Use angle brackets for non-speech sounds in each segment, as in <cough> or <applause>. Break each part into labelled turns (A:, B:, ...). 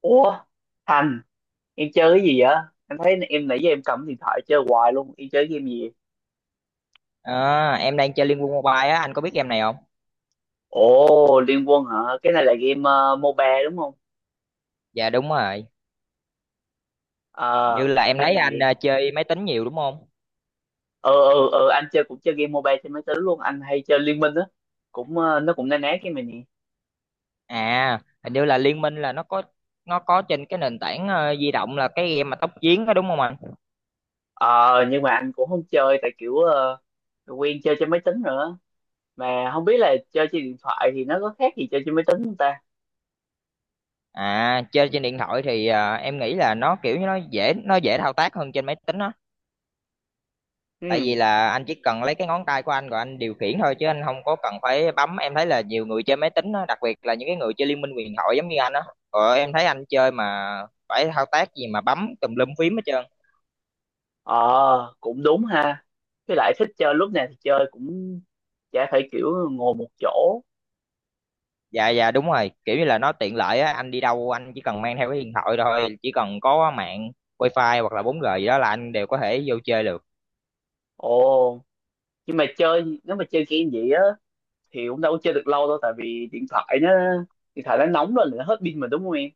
A: Ủa Thành, em chơi cái gì vậy? Em thấy em nãy giờ em cầm điện thoại chơi hoài luôn, em chơi game gì vậy?
B: À, em đang chơi Liên Quân Mobile á, anh có biết game này không?
A: Ồ, Liên Quân hả? Cái này là game MOBA đúng không?
B: Dạ đúng rồi, hình như
A: Ờ
B: là em
A: game
B: thấy anh
A: này.
B: chơi máy tính nhiều đúng không?
A: Ờ, anh chơi cũng chơi game mobile trên máy tính luôn, anh hay chơi Liên Minh á. Cũng nó cũng na ná cái mình nè.
B: À, hình như là Liên Minh là nó có trên cái nền tảng di động, là cái game mà tốc chiến đó đúng không anh?
A: Ờ nhưng mà anh cũng không chơi tại kiểu quen chơi trên máy tính nữa, mà không biết là chơi trên điện thoại thì nó có khác gì chơi trên máy tính không ta.
B: À, chơi trên điện thoại thì em nghĩ là nó kiểu như nó dễ thao tác hơn trên máy tính á. Tại vì
A: Ừ.
B: là anh chỉ cần lấy cái ngón tay của anh rồi anh điều khiển thôi, chứ anh không có cần phải bấm. Em thấy là nhiều người chơi máy tính á, đặc biệt là những cái người chơi liên minh huyền thoại giống như anh á, rồi em thấy anh chơi mà phải thao tác gì mà bấm tùm lum phím hết trơn.
A: Ờ cũng đúng ha, với lại thích chơi lúc nào thì chơi, cũng chả phải kiểu ngồi một chỗ.
B: Dạ dạ, đúng rồi, kiểu như là nó tiện lợi á, anh đi đâu anh chỉ cần mang theo cái điện thoại thôi, chỉ cần có mạng wifi hoặc là 4G gì đó là anh đều có thể vô chơi được.
A: Ồ, nhưng mà chơi nếu mà chơi game vậy á thì cũng đâu có chơi được lâu đâu, tại vì điện thoại nó nóng lên là nó hết pin mà đúng không em?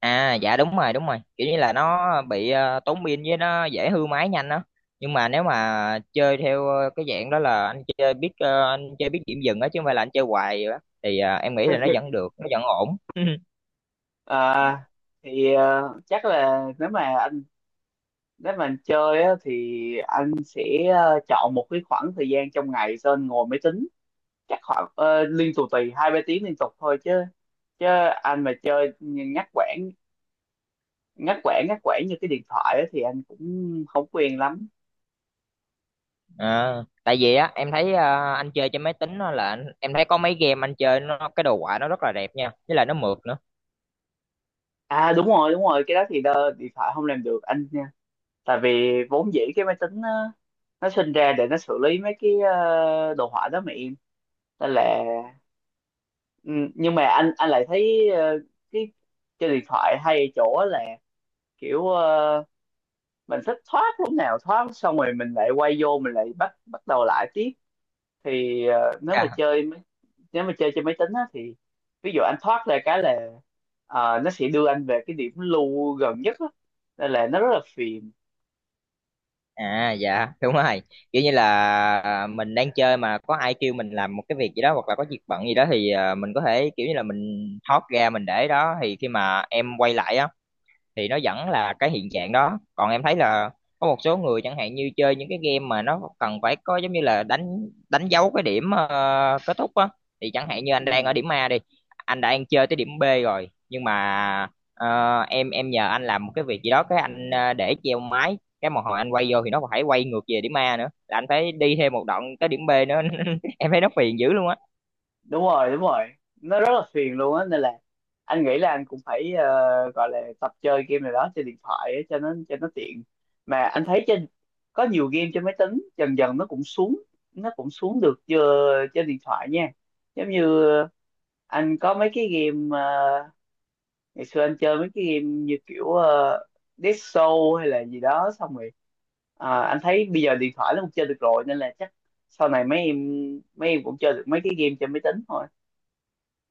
B: À dạ đúng rồi, đúng rồi, kiểu như là nó bị tốn pin, với nó dễ hư máy nhanh đó. Nhưng mà nếu mà chơi theo cái dạng đó là anh chơi biết điểm dừng á, chứ không phải là anh chơi hoài vậy đó. Thì em nghĩ là nó vẫn được, nó vẫn ổn. <laughs>
A: À thì chắc là nếu mà anh chơi á thì anh sẽ chọn một cái khoảng thời gian trong ngày cho anh ngồi máy tính, chắc khoảng liên tục tùy hai ba tiếng liên tục thôi chứ. Chứ anh mà chơi nhắc quãng, ngắt quãng ngắt quãng như cái điện thoại á thì anh cũng không quen lắm.
B: à, tại vì á em thấy anh chơi trên máy tính á, là em thấy có mấy game anh chơi nó cái đồ họa nó rất là đẹp nha, với lại nó mượt nữa.
A: À đúng rồi đúng rồi, cái đó thì điện thoại không làm được anh nha, tại vì vốn dĩ cái máy tính nó sinh ra để nó xử lý mấy cái đồ họa đó mà em. Nên là ừ, nhưng mà anh lại thấy cái chơi điện thoại hay ở chỗ là kiểu mình thích thoát lúc nào thoát, xong rồi mình lại quay vô mình lại bắt bắt đầu lại tiếp. Thì nếu mà
B: À,
A: chơi máy, nếu mà chơi trên máy tính á, thì ví dụ anh thoát ra cái là nó sẽ đưa anh về cái điểm lưu gần nhất á. Nên là nó rất là phiền.
B: À, dạ đúng rồi, kiểu như là mình đang chơi mà có ai kêu mình làm một cái việc gì đó hoặc là có việc bận gì đó, thì mình có thể kiểu như là mình thoát ra mình để đó, thì khi mà em quay lại á thì nó vẫn là cái hiện trạng đó. Còn em thấy là có một số người chẳng hạn như chơi những cái game mà nó cần phải có, giống như là đánh đánh dấu cái điểm kết thúc á, thì chẳng hạn như anh đang ở
A: Ừ,
B: điểm A đi, anh đang chơi tới điểm B rồi, nhưng mà em nhờ anh làm một cái việc gì đó, cái anh để treo máy cái một hồi, anh quay vô thì nó còn phải quay ngược về điểm A nữa, là anh phải đi thêm một đoạn tới điểm B nữa. <laughs> Em thấy nó phiền dữ luôn á.
A: đúng rồi đúng rồi, nó rất là phiền luôn á. Nên là anh nghĩ là anh cũng phải gọi là tập chơi game này đó trên điện thoại á, cho nó tiện. Mà anh thấy trên có nhiều game trên máy tính dần dần nó cũng xuống, nó cũng xuống được chưa trên điện thoại nha. Giống như anh có mấy cái game ngày xưa anh chơi mấy cái game như kiểu Dead Show hay là gì đó, xong rồi à, anh thấy bây giờ điện thoại nó cũng chơi được rồi, nên là chắc sau này mấy em cũng chơi được mấy cái game trên máy tính thôi.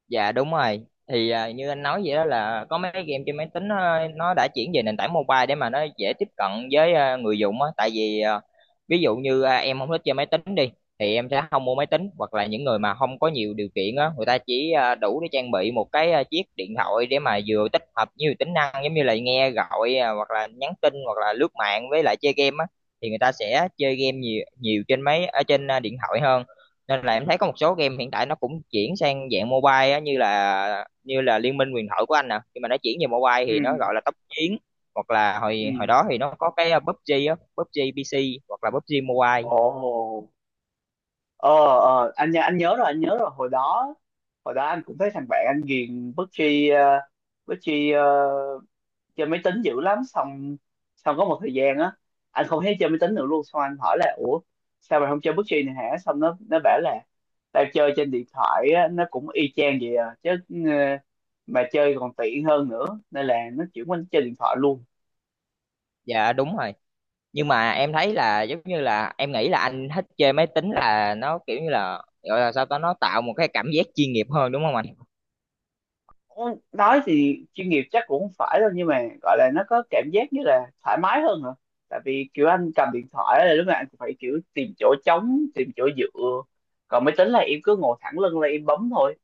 B: Dạ đúng rồi. Thì như anh nói vậy đó, là có mấy cái game trên máy tính nó đã chuyển về nền tảng mobile để mà nó dễ tiếp cận với người dùng á. Tại vì ví dụ như em không thích chơi máy tính đi thì em sẽ không mua máy tính, hoặc là những người mà không có nhiều điều kiện á, người ta chỉ đủ để trang bị một cái chiếc điện thoại, để mà vừa tích hợp nhiều tính năng giống như là nghe gọi hoặc là nhắn tin, hoặc là lướt mạng, với lại chơi game á, thì người ta sẽ chơi game nhiều nhiều trên máy, ở trên điện thoại hơn. Nên là em thấy có một số game hiện tại nó cũng chuyển sang dạng mobile á, như là Liên minh huyền thoại của anh nè, khi mà nó chuyển về mobile
A: Ừ.
B: thì nó gọi là tốc chiến. Hoặc là
A: Ừ.
B: hồi hồi đó thì nó có cái PUBG á, PUBG PC hoặc là PUBG Mobile.
A: Ồ, ờ, anh nhớ anh nhớ rồi hồi đó anh cũng thấy thằng bạn anh ghiền PUBG, uh, PUBG chơi máy tính dữ lắm. Xong xong có một thời gian á anh không thấy chơi máy tính nữa luôn, xong anh hỏi là ủa sao mày không chơi PUBG này hả, xong nó bảo là tao chơi trên điện thoại á, nó cũng y chang vậy à chứ. ờ, mà chơi còn tiện hơn nữa nên là nó chuyển qua nó chơi điện thoại luôn.
B: Dạ đúng rồi. Nhưng mà em thấy là, giống như là em nghĩ là anh thích chơi máy tính là nó kiểu như là, gọi là sao ta, nó tạo một cái cảm giác chuyên nghiệp hơn, đúng không anh?
A: Ủa, nói thì chuyên nghiệp chắc cũng không phải đâu, nhưng mà gọi là nó có cảm giác như là thoải mái hơn hả. Tại vì kiểu anh cầm điện thoại là lúc nào anh cũng phải kiểu tìm chỗ trống, tìm chỗ dựa. Còn máy tính là em cứ ngồi thẳng lưng là em bấm thôi.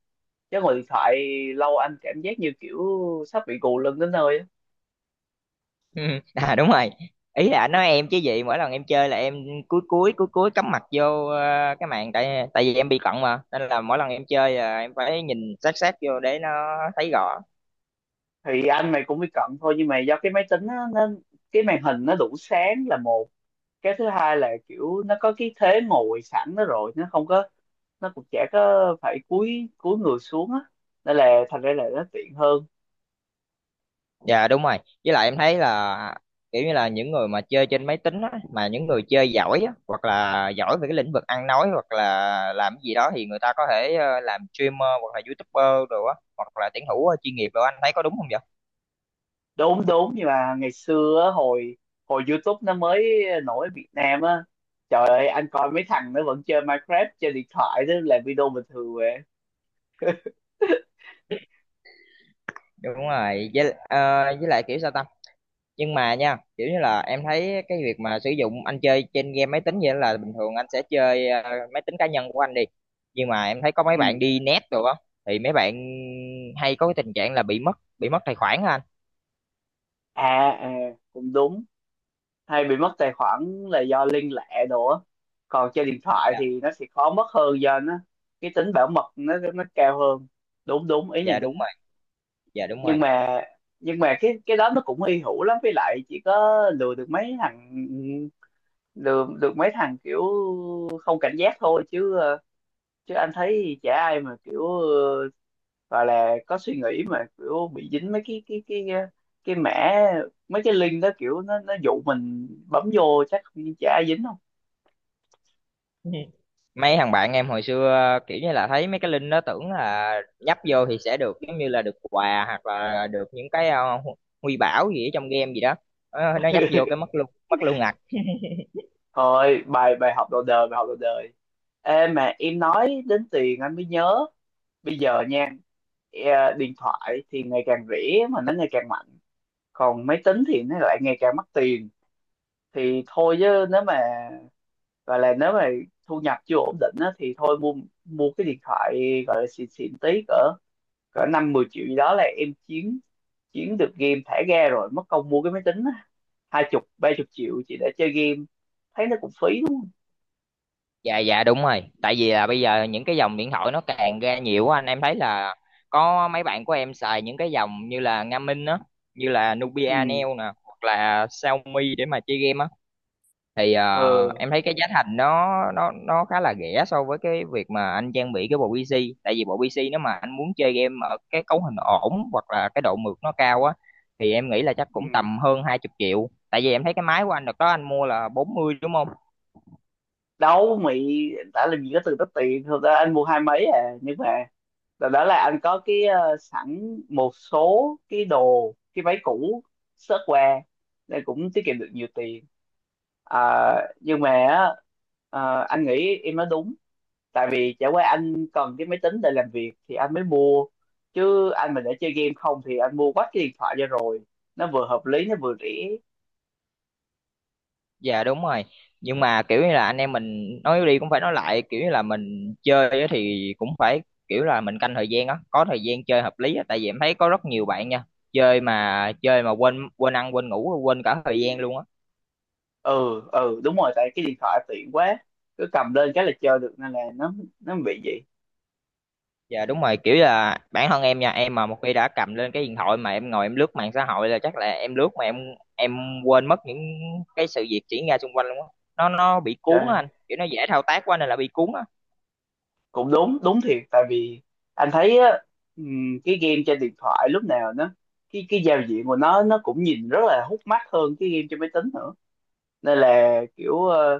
A: Chứ ngồi điện thoại lâu anh cảm giác như kiểu sắp bị gù lưng đến nơi á.
B: <laughs> Ừ, à đúng rồi, ý là anh nói em chứ gì, mỗi lần em chơi là em cúi cúi cúi cúi cắm mặt vô cái màn, tại tại vì em bị cận mà, nên là mỗi lần em chơi là em phải nhìn sát sát vô để nó thấy rõ.
A: Thì anh mày cũng bị cận thôi, nhưng mà do cái máy tính á, nó cái màn hình nó đủ sáng là một, cái thứ hai là kiểu nó có cái thế ngồi sẵn đó rồi, nó không có, nó cũng chả có phải cúi cúi người xuống á, nên là thành ra là nó tiện hơn.
B: Dạ đúng rồi, với lại em thấy là, kiểu như là, những người mà chơi trên máy tính á, mà những người chơi giỏi á, hoặc là giỏi về cái lĩnh vực ăn nói hoặc là làm cái gì đó, thì người ta có thể làm streamer hoặc là youtuber đồ á, hoặc là tuyển thủ chuyên nghiệp đồ, anh thấy có đúng không vậy?
A: Đúng đúng, nhưng mà ngày xưa á, hồi hồi YouTube nó mới nổi ở Việt Nam á, trời ơi anh coi mấy thằng nó vẫn chơi Minecraft chơi điện thoại đó làm video bình thường vậy.
B: Đúng rồi, với lại kiểu sao ta? Nhưng mà nha, kiểu như là em thấy cái việc mà sử dụng anh chơi trên game máy tính vậy là bình thường anh sẽ chơi máy tính cá nhân của anh đi, nhưng mà em thấy có mấy
A: Ừ.
B: bạn đi net rồi á, thì mấy bạn hay có cái tình trạng là bị mất tài khoản á anh.
A: À à, cũng đúng. Hay bị mất tài khoản là do liên lạc đồ á, còn trên điện thoại
B: Dạ
A: thì nó sẽ khó mất hơn do nó cái tính bảo mật nó cao hơn. Đúng đúng, ý này
B: dạ đúng
A: đúng.
B: rồi, dạ đúng rồi.
A: Nhưng mà nhưng mà cái đó nó cũng hy hữu lắm, với lại chỉ có lừa được mấy thằng, lừa được mấy thằng kiểu không cảnh giác thôi, chứ chứ anh thấy chả ai mà kiểu gọi là có suy nghĩ mà kiểu bị dính mấy cái mấy cái link đó, kiểu nó dụ mình bấm vô, chắc chả ai dính không.
B: <laughs> Mấy thằng bạn em hồi xưa kiểu như là thấy mấy cái link đó tưởng là nhấp vô thì sẽ được, giống như là được quà hoặc là được những cái huy bảo gì ở trong game gì đó. Ờ, nó nhấp vô cái
A: <laughs>
B: mất luôn, mất luôn ngặt.
A: Thôi, bài bài học đầu đời, bài học đầu đời. Ê, mà em nói đến tiền anh mới nhớ, bây giờ nha, điện thoại thì ngày càng rẻ mà nó ngày càng mạnh, còn máy tính thì nó lại ngày càng mắc tiền. Thì thôi chứ nếu mà gọi là nếu mà thu nhập chưa ổn định á, thì thôi mua, mua cái điện thoại gọi là xịn xịn tí, cỡ cỡ năm mười triệu gì đó là em chiến, chiến được game thả ga rồi. Mất công mua cái máy tính á, hai chục ba chục triệu chỉ để chơi game thấy nó cũng phí đúng không.
B: Dạ dạ đúng rồi, tại vì là bây giờ những cái dòng điện thoại nó càng ra nhiều á anh, em thấy là có mấy bạn của em xài những cái dòng như là Nga Minh á, như là
A: Ừ.
B: Nubia Neo nè, hoặc là Xiaomi để mà chơi game á, thì
A: Ờ.
B: em thấy cái giá thành nó khá là rẻ so với cái việc mà anh trang bị cái bộ PC. Tại vì bộ PC nếu mà anh muốn chơi game ở cái cấu hình ổn hoặc là cái độ mượt nó cao á, thì em nghĩ là chắc cũng
A: Ừ.
B: tầm hơn 20 triệu. Tại vì em thấy cái máy của anh đợt đó anh mua là 40 đúng không?
A: Đâu mày, đã làm gì có từng đó tiền, thật ra anh mua hai mấy à, nhưng mà đó, đó là anh có cái sẵn một số cái đồ cái váy cũ sớt qua nên cũng tiết kiệm được nhiều tiền. À, nhưng mà á, anh nghĩ em nói đúng. Tại vì chả qua anh cần cái máy tính để làm việc thì anh mới mua, chứ anh mà để chơi game không thì anh mua quách cái điện thoại cho rồi, nó vừa hợp lý nó vừa rẻ.
B: Dạ đúng rồi. Nhưng mà kiểu như là anh em mình nói đi cũng phải nói lại, kiểu như là mình chơi á thì cũng phải kiểu là mình canh thời gian á, có thời gian chơi hợp lý á, tại vì em thấy có rất nhiều bạn nha, chơi mà quên quên ăn quên ngủ quên cả thời gian luôn á.
A: Ừ ừ đúng rồi, tại cái điện thoại tiện quá, cứ cầm lên cái là chơi được, nên là nó bị vậy.
B: Dạ đúng rồi, kiểu là bản thân em nha, em mà một khi đã cầm lên cái điện thoại mà em ngồi em lướt mạng xã hội là chắc là em lướt mà em quên mất những cái sự việc diễn ra xung quanh luôn á. Nó bị cuốn á anh, kiểu nó dễ thao tác quá nên là bị cuốn á.
A: Cũng đúng đúng thiệt. Tại vì anh thấy á, cái game trên điện thoại lúc nào nó cái giao diện của nó cũng nhìn rất là hút mắt hơn cái game trên máy tính nữa. Nên là kiểu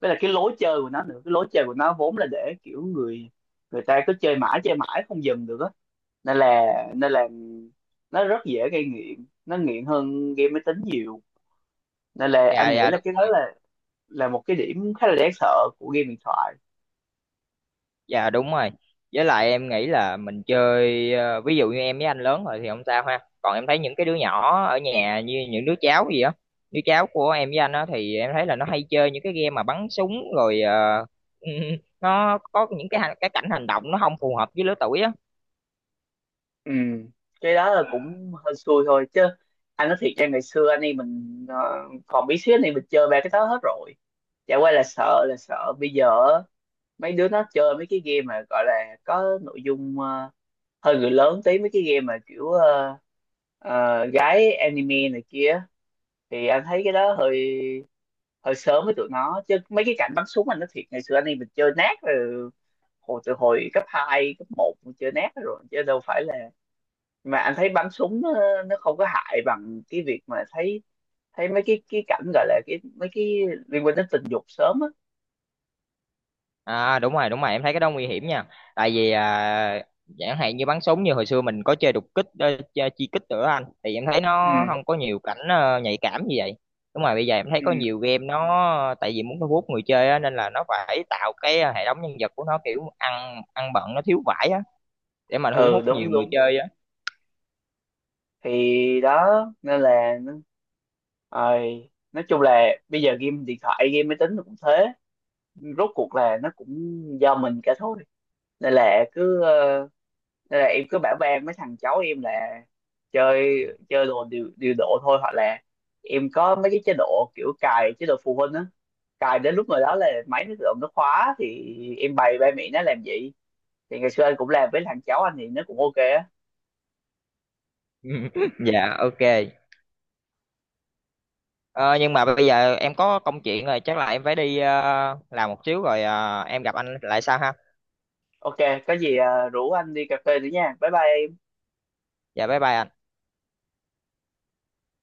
A: với là cái lối chơi của nó nữa, cái lối chơi của nó vốn là để kiểu người, người ta cứ chơi mãi không dừng được á. Nên là nên là nó rất dễ gây nghiện, nó nghiện hơn game máy tính nhiều. Nên là
B: Dạ
A: anh nghĩ
B: dạ
A: là
B: đúng.
A: cái đó là một cái điểm khá là đáng sợ của game điện thoại.
B: Dạ đúng rồi. Với lại em nghĩ là mình chơi ví dụ như em với anh lớn rồi thì không sao ha. Còn em thấy những cái đứa nhỏ ở nhà như những đứa cháu gì á, đứa cháu của em với anh á, thì em thấy là nó hay chơi những cái game mà bắn súng rồi <laughs> nó có những cái cảnh hành động nó không phù hợp với lứa tuổi á.
A: Ừ, cái đó là cũng hơi xui thôi, chứ anh nói thiệt cho ngày xưa anh em mình còn bí xíu anh em mình chơi ba cái đó hết rồi. Chả qua là sợ, là sợ bây giờ á, mấy đứa nó chơi mấy cái game mà gọi là có nội dung hơi người lớn tí, mấy cái game mà kiểu gái anime này kia, thì anh thấy cái đó hơi, hơi sớm với tụi nó. Chứ mấy cái cảnh bắn súng anh nói thiệt ngày xưa anh em mình chơi nát rồi, hồi từ hồi cấp 2 cấp một mình chơi nát rồi chứ đâu phải là. Mà anh thấy bắn súng nó không có hại bằng cái việc mà thấy, thấy mấy cái cảnh gọi là mấy cái liên quan đến tình dục sớm á.
B: À đúng rồi, em thấy cái đó nguy hiểm nha. Tại vì chẳng hạn như bắn súng như hồi xưa mình có chơi đục kích, chơi chi kích nữa anh, thì em thấy nó
A: Ừ.
B: không có nhiều cảnh nhạy cảm như vậy. Đúng rồi, bây giờ em thấy
A: Ừ.
B: có nhiều game nó tại vì muốn thu hút người chơi á, nên là nó phải tạo cái hệ thống nhân vật của nó kiểu ăn ăn bận nó thiếu vải á, để mà thu
A: Ừ
B: hút
A: đúng
B: nhiều người
A: đúng,
B: chơi á.
A: thì đó nên là rồi nói chung là bây giờ game điện thoại game máy tính nó cũng thế, rốt cuộc là nó cũng do mình cả thôi. Nên là cứ nên là em cứ bảo ban mấy thằng cháu em là chơi, chơi đồ điều, điều độ thôi, hoặc là em có mấy cái chế độ kiểu cài chế độ phụ huynh á, cài đến lúc nào đó là máy nó tự động nó khóa, thì em bày ba mẹ nó làm gì. Thì ngày xưa anh cũng làm với thằng cháu anh thì nó cũng ok á.
B: <laughs> Dạ ok. Ờ, nhưng mà bây giờ em có công chuyện rồi, chắc là em phải đi làm một xíu rồi em gặp anh lại sau ha.
A: Ok, có gì à, rủ anh đi cà phê nữa nha, bye bye em.
B: Dạ bye bye ạ.